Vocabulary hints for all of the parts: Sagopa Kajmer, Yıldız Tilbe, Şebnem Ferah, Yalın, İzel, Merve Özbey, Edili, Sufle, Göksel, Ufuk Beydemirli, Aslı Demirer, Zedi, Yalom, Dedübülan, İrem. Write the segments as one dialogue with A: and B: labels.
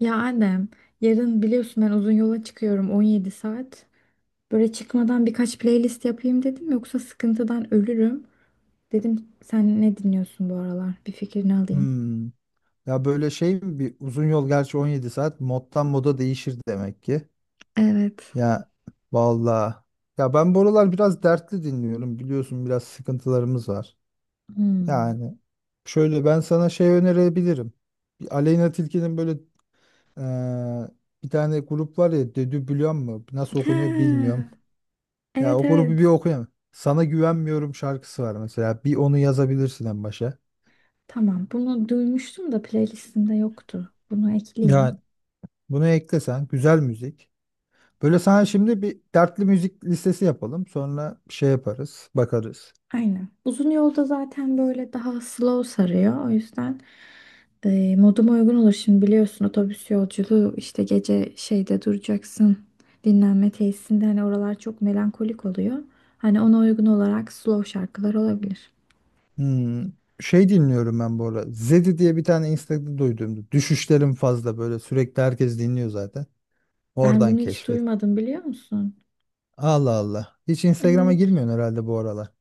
A: Ya Adem, yarın biliyorsun ben uzun yola çıkıyorum 17 saat. Böyle çıkmadan birkaç playlist yapayım dedim yoksa sıkıntıdan ölürüm. Dedim sen ne dinliyorsun bu aralar? Bir fikrini alayım.
B: Hmm. Ya böyle şey mi bir uzun yol, gerçi 17 saat moddan moda değişir demek ki.
A: Evet.
B: Ya vallahi. Ya ben buralar biraz dertli dinliyorum, biliyorsun biraz sıkıntılarımız var.
A: Hmm.
B: Yani şöyle ben sana şey önerebilirim. Bir Aleyna Tilki'nin böyle eee, bir tane grup var ya, Dedübülan mı nasıl okunuyor
A: Ha,
B: bilmiyorum. Ya
A: evet
B: o grubu
A: evet.
B: bir okuyayım. Sana güvenmiyorum şarkısı var mesela. Bir onu yazabilirsin en başa.
A: Tamam bunu duymuştum da playlistimde yoktu. Bunu ekleyeyim.
B: Yani bunu eklesen güzel müzik. Böyle sana şimdi bir dertli müzik listesi yapalım. Sonra şey yaparız, bakarız.
A: Aynen. Uzun yolda zaten böyle daha slow sarıyor. O yüzden moduma uygun olur. Şimdi biliyorsun otobüs yolculuğu işte gece şeyde duracaksın. Dinlenme tesisinde hani oralar çok melankolik oluyor. Hani ona uygun olarak slow şarkılar olabilir.
B: Hmm, şey dinliyorum ben bu ara. Zedi diye bir tane Instagram'da duyduğumda. Düşüşlerim fazla, böyle sürekli herkes dinliyor zaten.
A: Ben
B: Oradan
A: bunu hiç
B: keşfet.
A: duymadım biliyor musun?
B: Allah Allah. Hiç Instagram'a
A: Evet.
B: girmiyorsun herhalde bu aralar.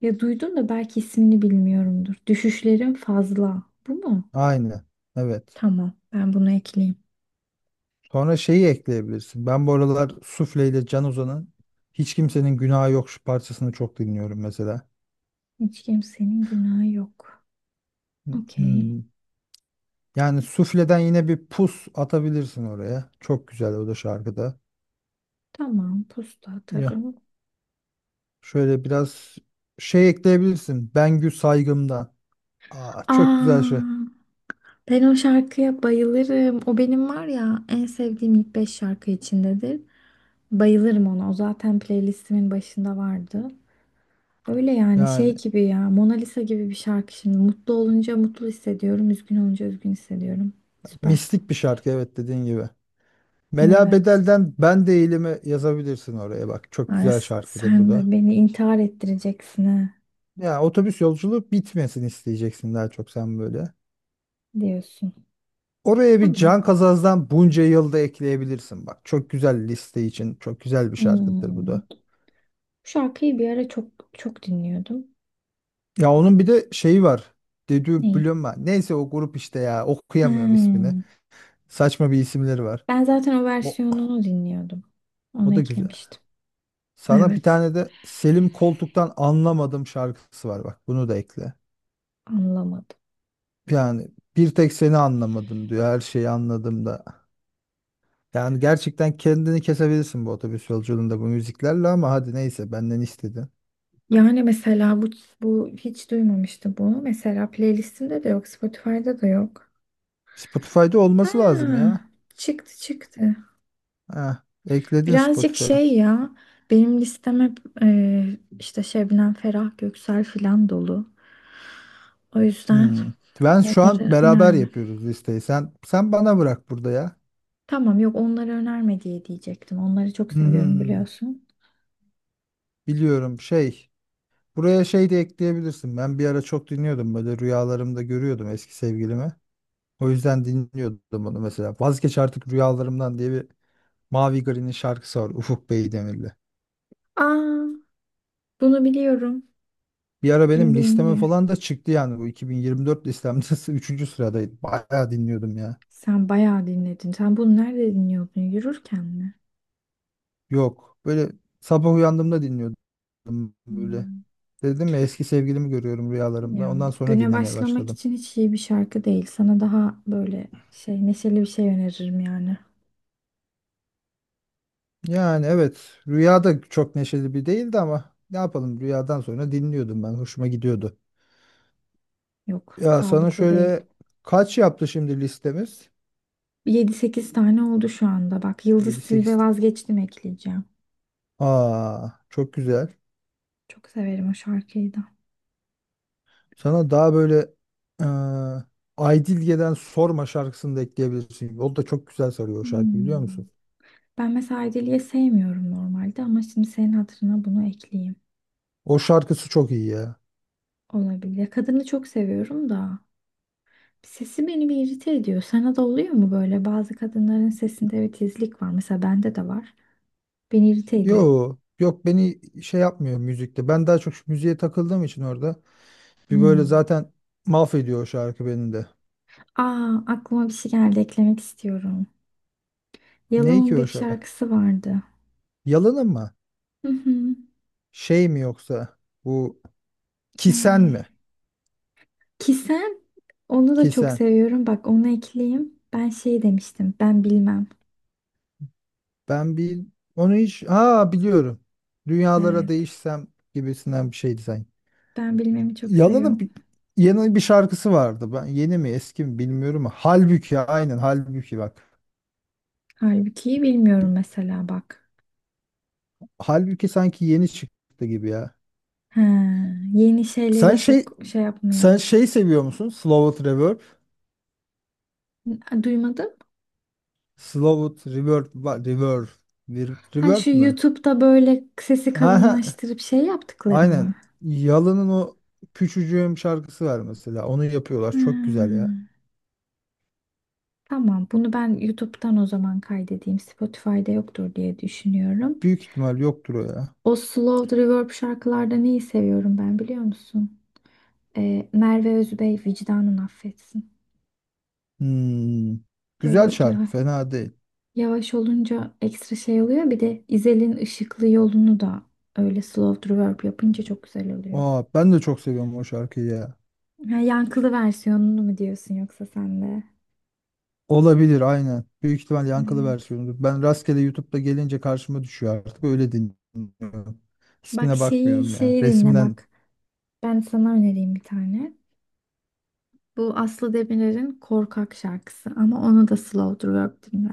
A: Ya duydum da belki ismini bilmiyorumdur. Düşüşlerin fazla. Bu mu?
B: Aynı. Evet.
A: Tamam. Ben bunu ekleyeyim.
B: Sonra şeyi ekleyebilirsin. Ben bu aralar Sufle ile Can Ozan'ın Hiç Kimsenin Günahı Yok şu parçasını çok dinliyorum mesela.
A: Hiç kimsenin günahı yok.
B: Hmm.
A: Okey.
B: Hmm. Yani sufleden yine bir pus atabilirsin oraya. Çok güzel o da şarkıda.
A: Tamam, posta
B: Ya
A: atarım.
B: şöyle biraz şey ekleyebilirsin. Bengü Saygım'dan. Aa, çok güzel şey.
A: Aa, ben o şarkıya bayılırım. O benim var ya en sevdiğim ilk 5 şarkı içindedir. Bayılırım ona. O zaten playlistimin başında vardı. Öyle yani
B: Yani
A: şey gibi ya Mona Lisa gibi bir şarkı şimdi. Mutlu olunca mutlu hissediyorum. Üzgün olunca üzgün hissediyorum. Süper.
B: mistik bir şarkı, evet, dediğin gibi. Mela
A: Evet.
B: Bedel'den Ben Değilim'i yazabilirsin oraya bak. Çok
A: Ay,
B: güzel şarkıdır
A: sen
B: bu
A: de
B: da.
A: beni intihar ettireceksin ha
B: Ya otobüs yolculuğu bitmesin isteyeceksin daha çok sen böyle.
A: diyorsun.
B: Oraya bir
A: Tamam.
B: Can Kazaz'dan bunca yılda ekleyebilirsin bak. Çok güzel liste için çok güzel bir şarkıdır bu
A: Hmm.
B: da.
A: Bu şarkıyı bir ara çok dinliyordum.
B: Ya onun bir de şeyi var. Dedü
A: Neyi?
B: Blöma. Neyse o grup işte ya. Okuyamıyorum ismini.
A: He.
B: Saçma bir isimleri var.
A: Ben zaten o
B: O,
A: versiyonunu dinliyordum.
B: o
A: Onu
B: da güzel.
A: eklemiştim.
B: Sana bir
A: Evet.
B: tane de Selim Koltuk'tan Anlamadım şarkısı var bak. Bunu da ekle.
A: Anlamadım.
B: Yani bir tek seni anlamadım diyor. Her şeyi anladım da. Yani gerçekten kendini kesebilirsin bu otobüs yolculuğunda bu müziklerle ama hadi neyse, benden istedin.
A: Yani mesela bu hiç duymamıştı. Bu mesela playlistimde de yok, Spotify'da da yok.
B: Spotify'da olması lazım
A: Ha,
B: ya.
A: çıktı.
B: Heh, ekledin
A: Birazcık
B: Spotify.
A: şey ya, benim listem hep işte Şebnem Ferah, Göksel filan dolu. O yüzden
B: Hmm. Ben şu an
A: onları
B: beraber
A: önerme.
B: yapıyoruz listeyi. Sen bana bırak burada ya.
A: Tamam yok onları önerme diye diyecektim. Onları çok
B: Hı hı
A: seviyorum
B: hı.
A: biliyorsun.
B: Biliyorum şey. Buraya şey de ekleyebilirsin. Ben bir ara çok dinliyordum, böyle rüyalarımda görüyordum eski sevgilimi. O yüzden dinliyordum onu mesela. Vazgeç artık rüyalarımdan diye bir Mavi Gari'nin şarkısı var, Ufuk Beydemirli.
A: Aa, bunu biliyorum.
B: Bir ara benim listeme
A: Bildiğimde.
B: falan da çıktı yani, bu 2024 listemde üçüncü sıradaydı. Bayağı dinliyordum ya.
A: Sen bayağı dinledin. Sen bunu nerede dinliyordun? Yürürken mi?
B: Yok böyle sabah uyandığımda dinliyordum böyle.
A: Hmm.
B: Dedim ya, eski sevgilimi görüyorum rüyalarımda.
A: Ya
B: Ondan sonra
A: güne
B: dinlemeye
A: başlamak
B: başladım.
A: için hiç iyi bir şarkı değil. Sana daha böyle şey neşeli bir şey öneririm yani.
B: Yani evet, rüyada çok neşeli bir değildi ama ne yapalım, rüyadan sonra dinliyordum ben. Hoşuma gidiyordu.
A: Yok,
B: Ya sana
A: sağlıklı değil.
B: şöyle, kaç yaptı şimdi listemiz?
A: Yedi sekiz tane oldu şu anda. Bak
B: Yedi
A: Yıldız Tilbe
B: sekiz.
A: vazgeçtim ekleyeceğim.
B: Aa, çok güzel.
A: Çok severim o şarkıyı da.
B: Sana daha böyle eee Aydilge'den Sorma şarkısını da ekleyebilirsin. O da çok güzel sarıyor o şarkı, biliyor
A: Hmm.
B: musun?
A: Ben mesela Edili'yi sevmiyorum normalde ama şimdi senin hatırına bunu ekleyeyim.
B: O şarkısı çok iyi ya.
A: Olabilir. Ya kadını çok seviyorum da. Sesi beni bir irite ediyor. Sana da oluyor mu böyle? Bazı kadınların sesinde bir tizlik var. Mesela bende de var. Beni irite ediyor.
B: Yo yok, beni şey yapmıyor müzikte. Ben daha çok şu müziğe takıldığım için orada. Bir böyle
A: Hmm.
B: zaten mahvediyor o şarkı beni de.
A: Aa, aklıma bir şey geldi. Eklemek istiyorum.
B: Ne
A: Yalom'un
B: ki
A: bir
B: o şarkı?
A: şarkısı vardı.
B: Yalanın mı?
A: Hı hı.
B: Şey mi yoksa? Bu Kisen mi?
A: Ee, ki sen onu da çok
B: Kisen.
A: seviyorum. Bak onu ekleyeyim. Ben şey demiştim. Ben bilmem.
B: Ben bir onu hiç, ha, biliyorum. Dünyalara
A: Evet.
B: değişsem gibisinden bir şeydi sanki.
A: Ben bilmemi çok
B: Yalanın
A: seviyorum.
B: bir, yeni bir şarkısı vardı. Ben yeni mi eski mi bilmiyorum ama Halbuki, aynen Halbuki bak.
A: Halbuki bilmiyorum mesela bak.
B: Halbuki sanki yeni çıktı gibi ya.
A: Ha, yeni
B: Sen
A: şeyleri
B: şey
A: çok şey
B: sen
A: yapmıyorum.
B: şey seviyor musun? Slow It Reverb.
A: Duymadım.
B: Slow It Reverb var. Reverb. Vir-
A: Ha
B: Reverb
A: şu
B: mü?
A: YouTube'da böyle sesi
B: Ha,
A: kalınlaştırıp şey yaptıkları mı?
B: aynen. Yalın'ın o küçücüğüm şarkısı var mesela. Onu yapıyorlar. Çok güzel ya.
A: Hmm. Tamam, bunu ben YouTube'dan o zaman kaydedeyim. Spotify'da yoktur diye düşünüyorum.
B: Büyük ihtimal yoktur o ya.
A: O slow reverb şarkılarda neyi seviyorum ben biliyor musun? Merve Özbey vicdanın affetsin.
B: Hmm. Güzel
A: Böyle
B: şarkı.
A: ya,
B: Fena değil.
A: yavaş olunca ekstra şey oluyor. Bir de İzel'in Işıklı yolunu da öyle slow reverb yapınca çok güzel oluyor.
B: Aa, ben de çok seviyorum o şarkıyı ya.
A: Ha, yankılı versiyonunu mu diyorsun yoksa sen de?
B: Olabilir, aynen. Büyük ihtimal yankılı
A: Evet.
B: versiyonudur. Ben rastgele YouTube'da gelince karşıma düşüyor artık. Öyle dinliyorum.
A: Bak
B: İsmine
A: şeyi
B: bakmıyorum ya.
A: şeyi dinle
B: Resimden
A: bak. Ben sana önereyim bir tane. Bu Aslı Demirer'in Korkak şarkısı ama onu da slow twerk dinle.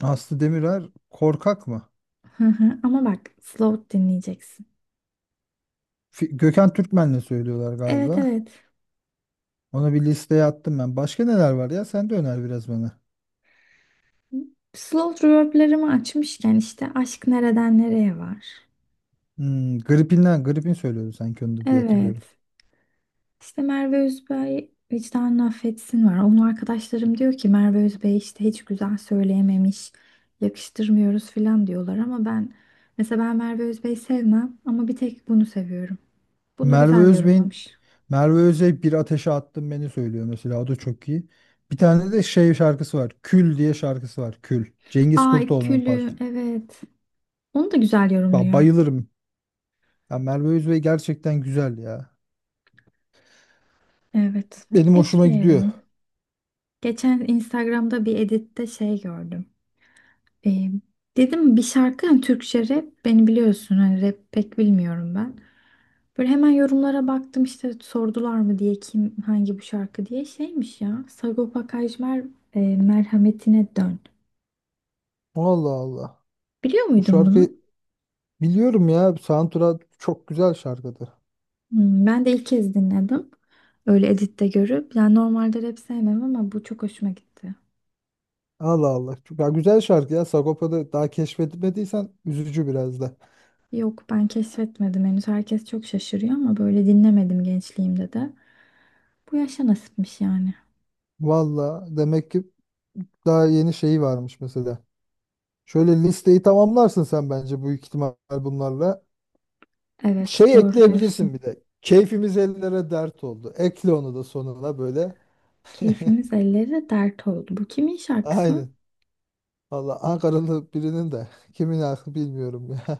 B: Aslı Demirer Korkak mı?
A: Hı hı. Ama bak slow dinleyeceksin.
B: Fi- Gökhan Türkmen'le söylüyorlar
A: Evet
B: galiba.
A: evet.
B: Ona bir listeye attım ben. Başka neler var ya? Sen de öner biraz bana.
A: Slow reverb'lerimi açmışken işte Aşk Nereden Nereye var.
B: Hmm, gripinden, gripin söylüyordu sanki onu da diye
A: Evet.
B: hatırlıyorum.
A: İşte Merve Özbey vicdanını affetsin var. Onun arkadaşlarım diyor ki Merve Özbey işte hiç güzel söyleyememiş, yakıştırmıyoruz filan diyorlar ama ben mesela Merve Özbey sevmem ama bir tek bunu seviyorum. Bunu
B: Merve
A: güzel
B: Özbey'in,
A: yorumlamış.
B: Merve Özbey bir ateşe attım beni söylüyor mesela. O da çok iyi. Bir tane de şey şarkısı var. Kül diye şarkısı var. Kül. Cengiz
A: Aa
B: Kurtoğlu'nun
A: Külü
B: parçası.
A: evet. Onu da güzel
B: Ba-
A: yorumluyor.
B: Bayılırım. Ya Merve Özbey gerçekten güzel ya.
A: Evet.
B: Benim hoşuma gidiyor.
A: Ekliyorum. Geçen Instagram'da bir editte şey gördüm. Ee, dedim bir şarkı hani Türkçe rap beni biliyorsun hani rap pek bilmiyorum ben. Böyle hemen yorumlara baktım işte sordular mı diye kim hangi bu şarkı diye şeymiş ya. Sagopa Kajmer Merhametine Dön.
B: Allah Allah.
A: Biliyor
B: Bu
A: muydun
B: şarkı,
A: bunu?
B: biliyorum ya. Soundtrack çok güzel şarkıdır.
A: Hmm, ben de ilk kez dinledim. Öyle editte görüp. Yani normalde rap sevmem ama bu çok hoşuma gitti.
B: Allah Allah. Çok- Ya güzel şarkı ya. Sagopa'da daha keşfedilmediysen üzücü biraz da.
A: Yok ben keşfetmedim henüz. Herkes çok şaşırıyor ama böyle dinlemedim gençliğimde de. Bu yaşa nasipmiş yani.
B: Valla demek ki daha yeni şeyi varmış mesela. Şöyle listeyi tamamlarsın sen bence büyük ihtimal bunlarla.
A: Evet
B: Şey
A: doğru
B: ekleyebilirsin
A: diyorsun.
B: bir de. Keyfimiz ellere dert oldu. Ekle onu da sonuna böyle.
A: Keyfimiz ellere dert oldu. Bu kimin şarkısı?
B: Aynen. Valla Ankaralı birinin de kimin aklı bilmiyorum ya.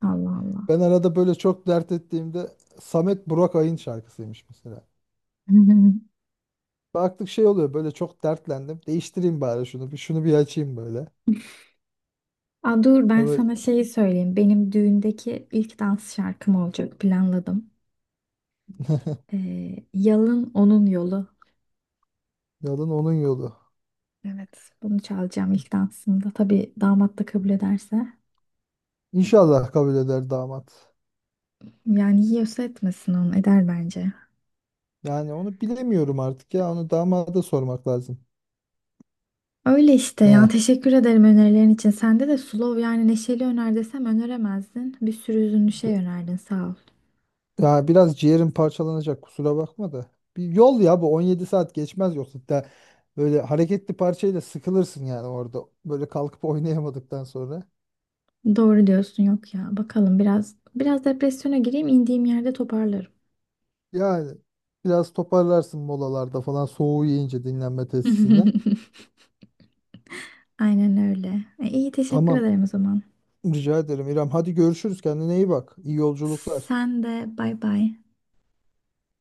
A: Allah Allah.
B: Ben arada böyle çok dert ettiğimde Samet Burak Ay'ın şarkısıymış mesela. Baktık şey oluyor böyle, çok dertlendim. Değiştireyim bari şunu, bir şunu bir açayım böyle.
A: Aa, dur ben
B: Ama
A: sana şeyi söyleyeyim. Benim düğündeki ilk dans şarkım olacak planladım. Yalın Onun Yolu.
B: yolun onun yolu.
A: Evet bunu çalacağım ilk dansımda. Tabii damat da kabul ederse.
B: İnşallah kabul eder damat.
A: Yani yiyorsa etmesin onu eder bence.
B: Yani onu bilemiyorum artık ya. Onu damada sormak lazım.
A: Öyle işte ya
B: Ne?
A: teşekkür ederim önerilerin için. Sende de slow yani neşeli öner desem öneremezdin. Bir sürü üzünlü şey önerdin sağ ol.
B: Ya biraz ciğerim parçalanacak, kusura bakma da. Bir yol ya, bu 17 saat geçmez yoksa da böyle hareketli parçayla sıkılırsın yani orada. Böyle kalkıp oynayamadıktan sonra.
A: Doğru diyorsun yok ya. Bakalım biraz depresyona gireyim indiğim yerde toparlarım.
B: Yani biraz toparlarsın molalarda falan, soğuğu yiyince dinlenme tesisinde.
A: Aynen öyle. İyi teşekkür
B: Tamam,
A: ederim o zaman.
B: rica ederim İrem. Hadi görüşürüz, kendine iyi bak. İyi yolculuklar.
A: Sen de bay bay.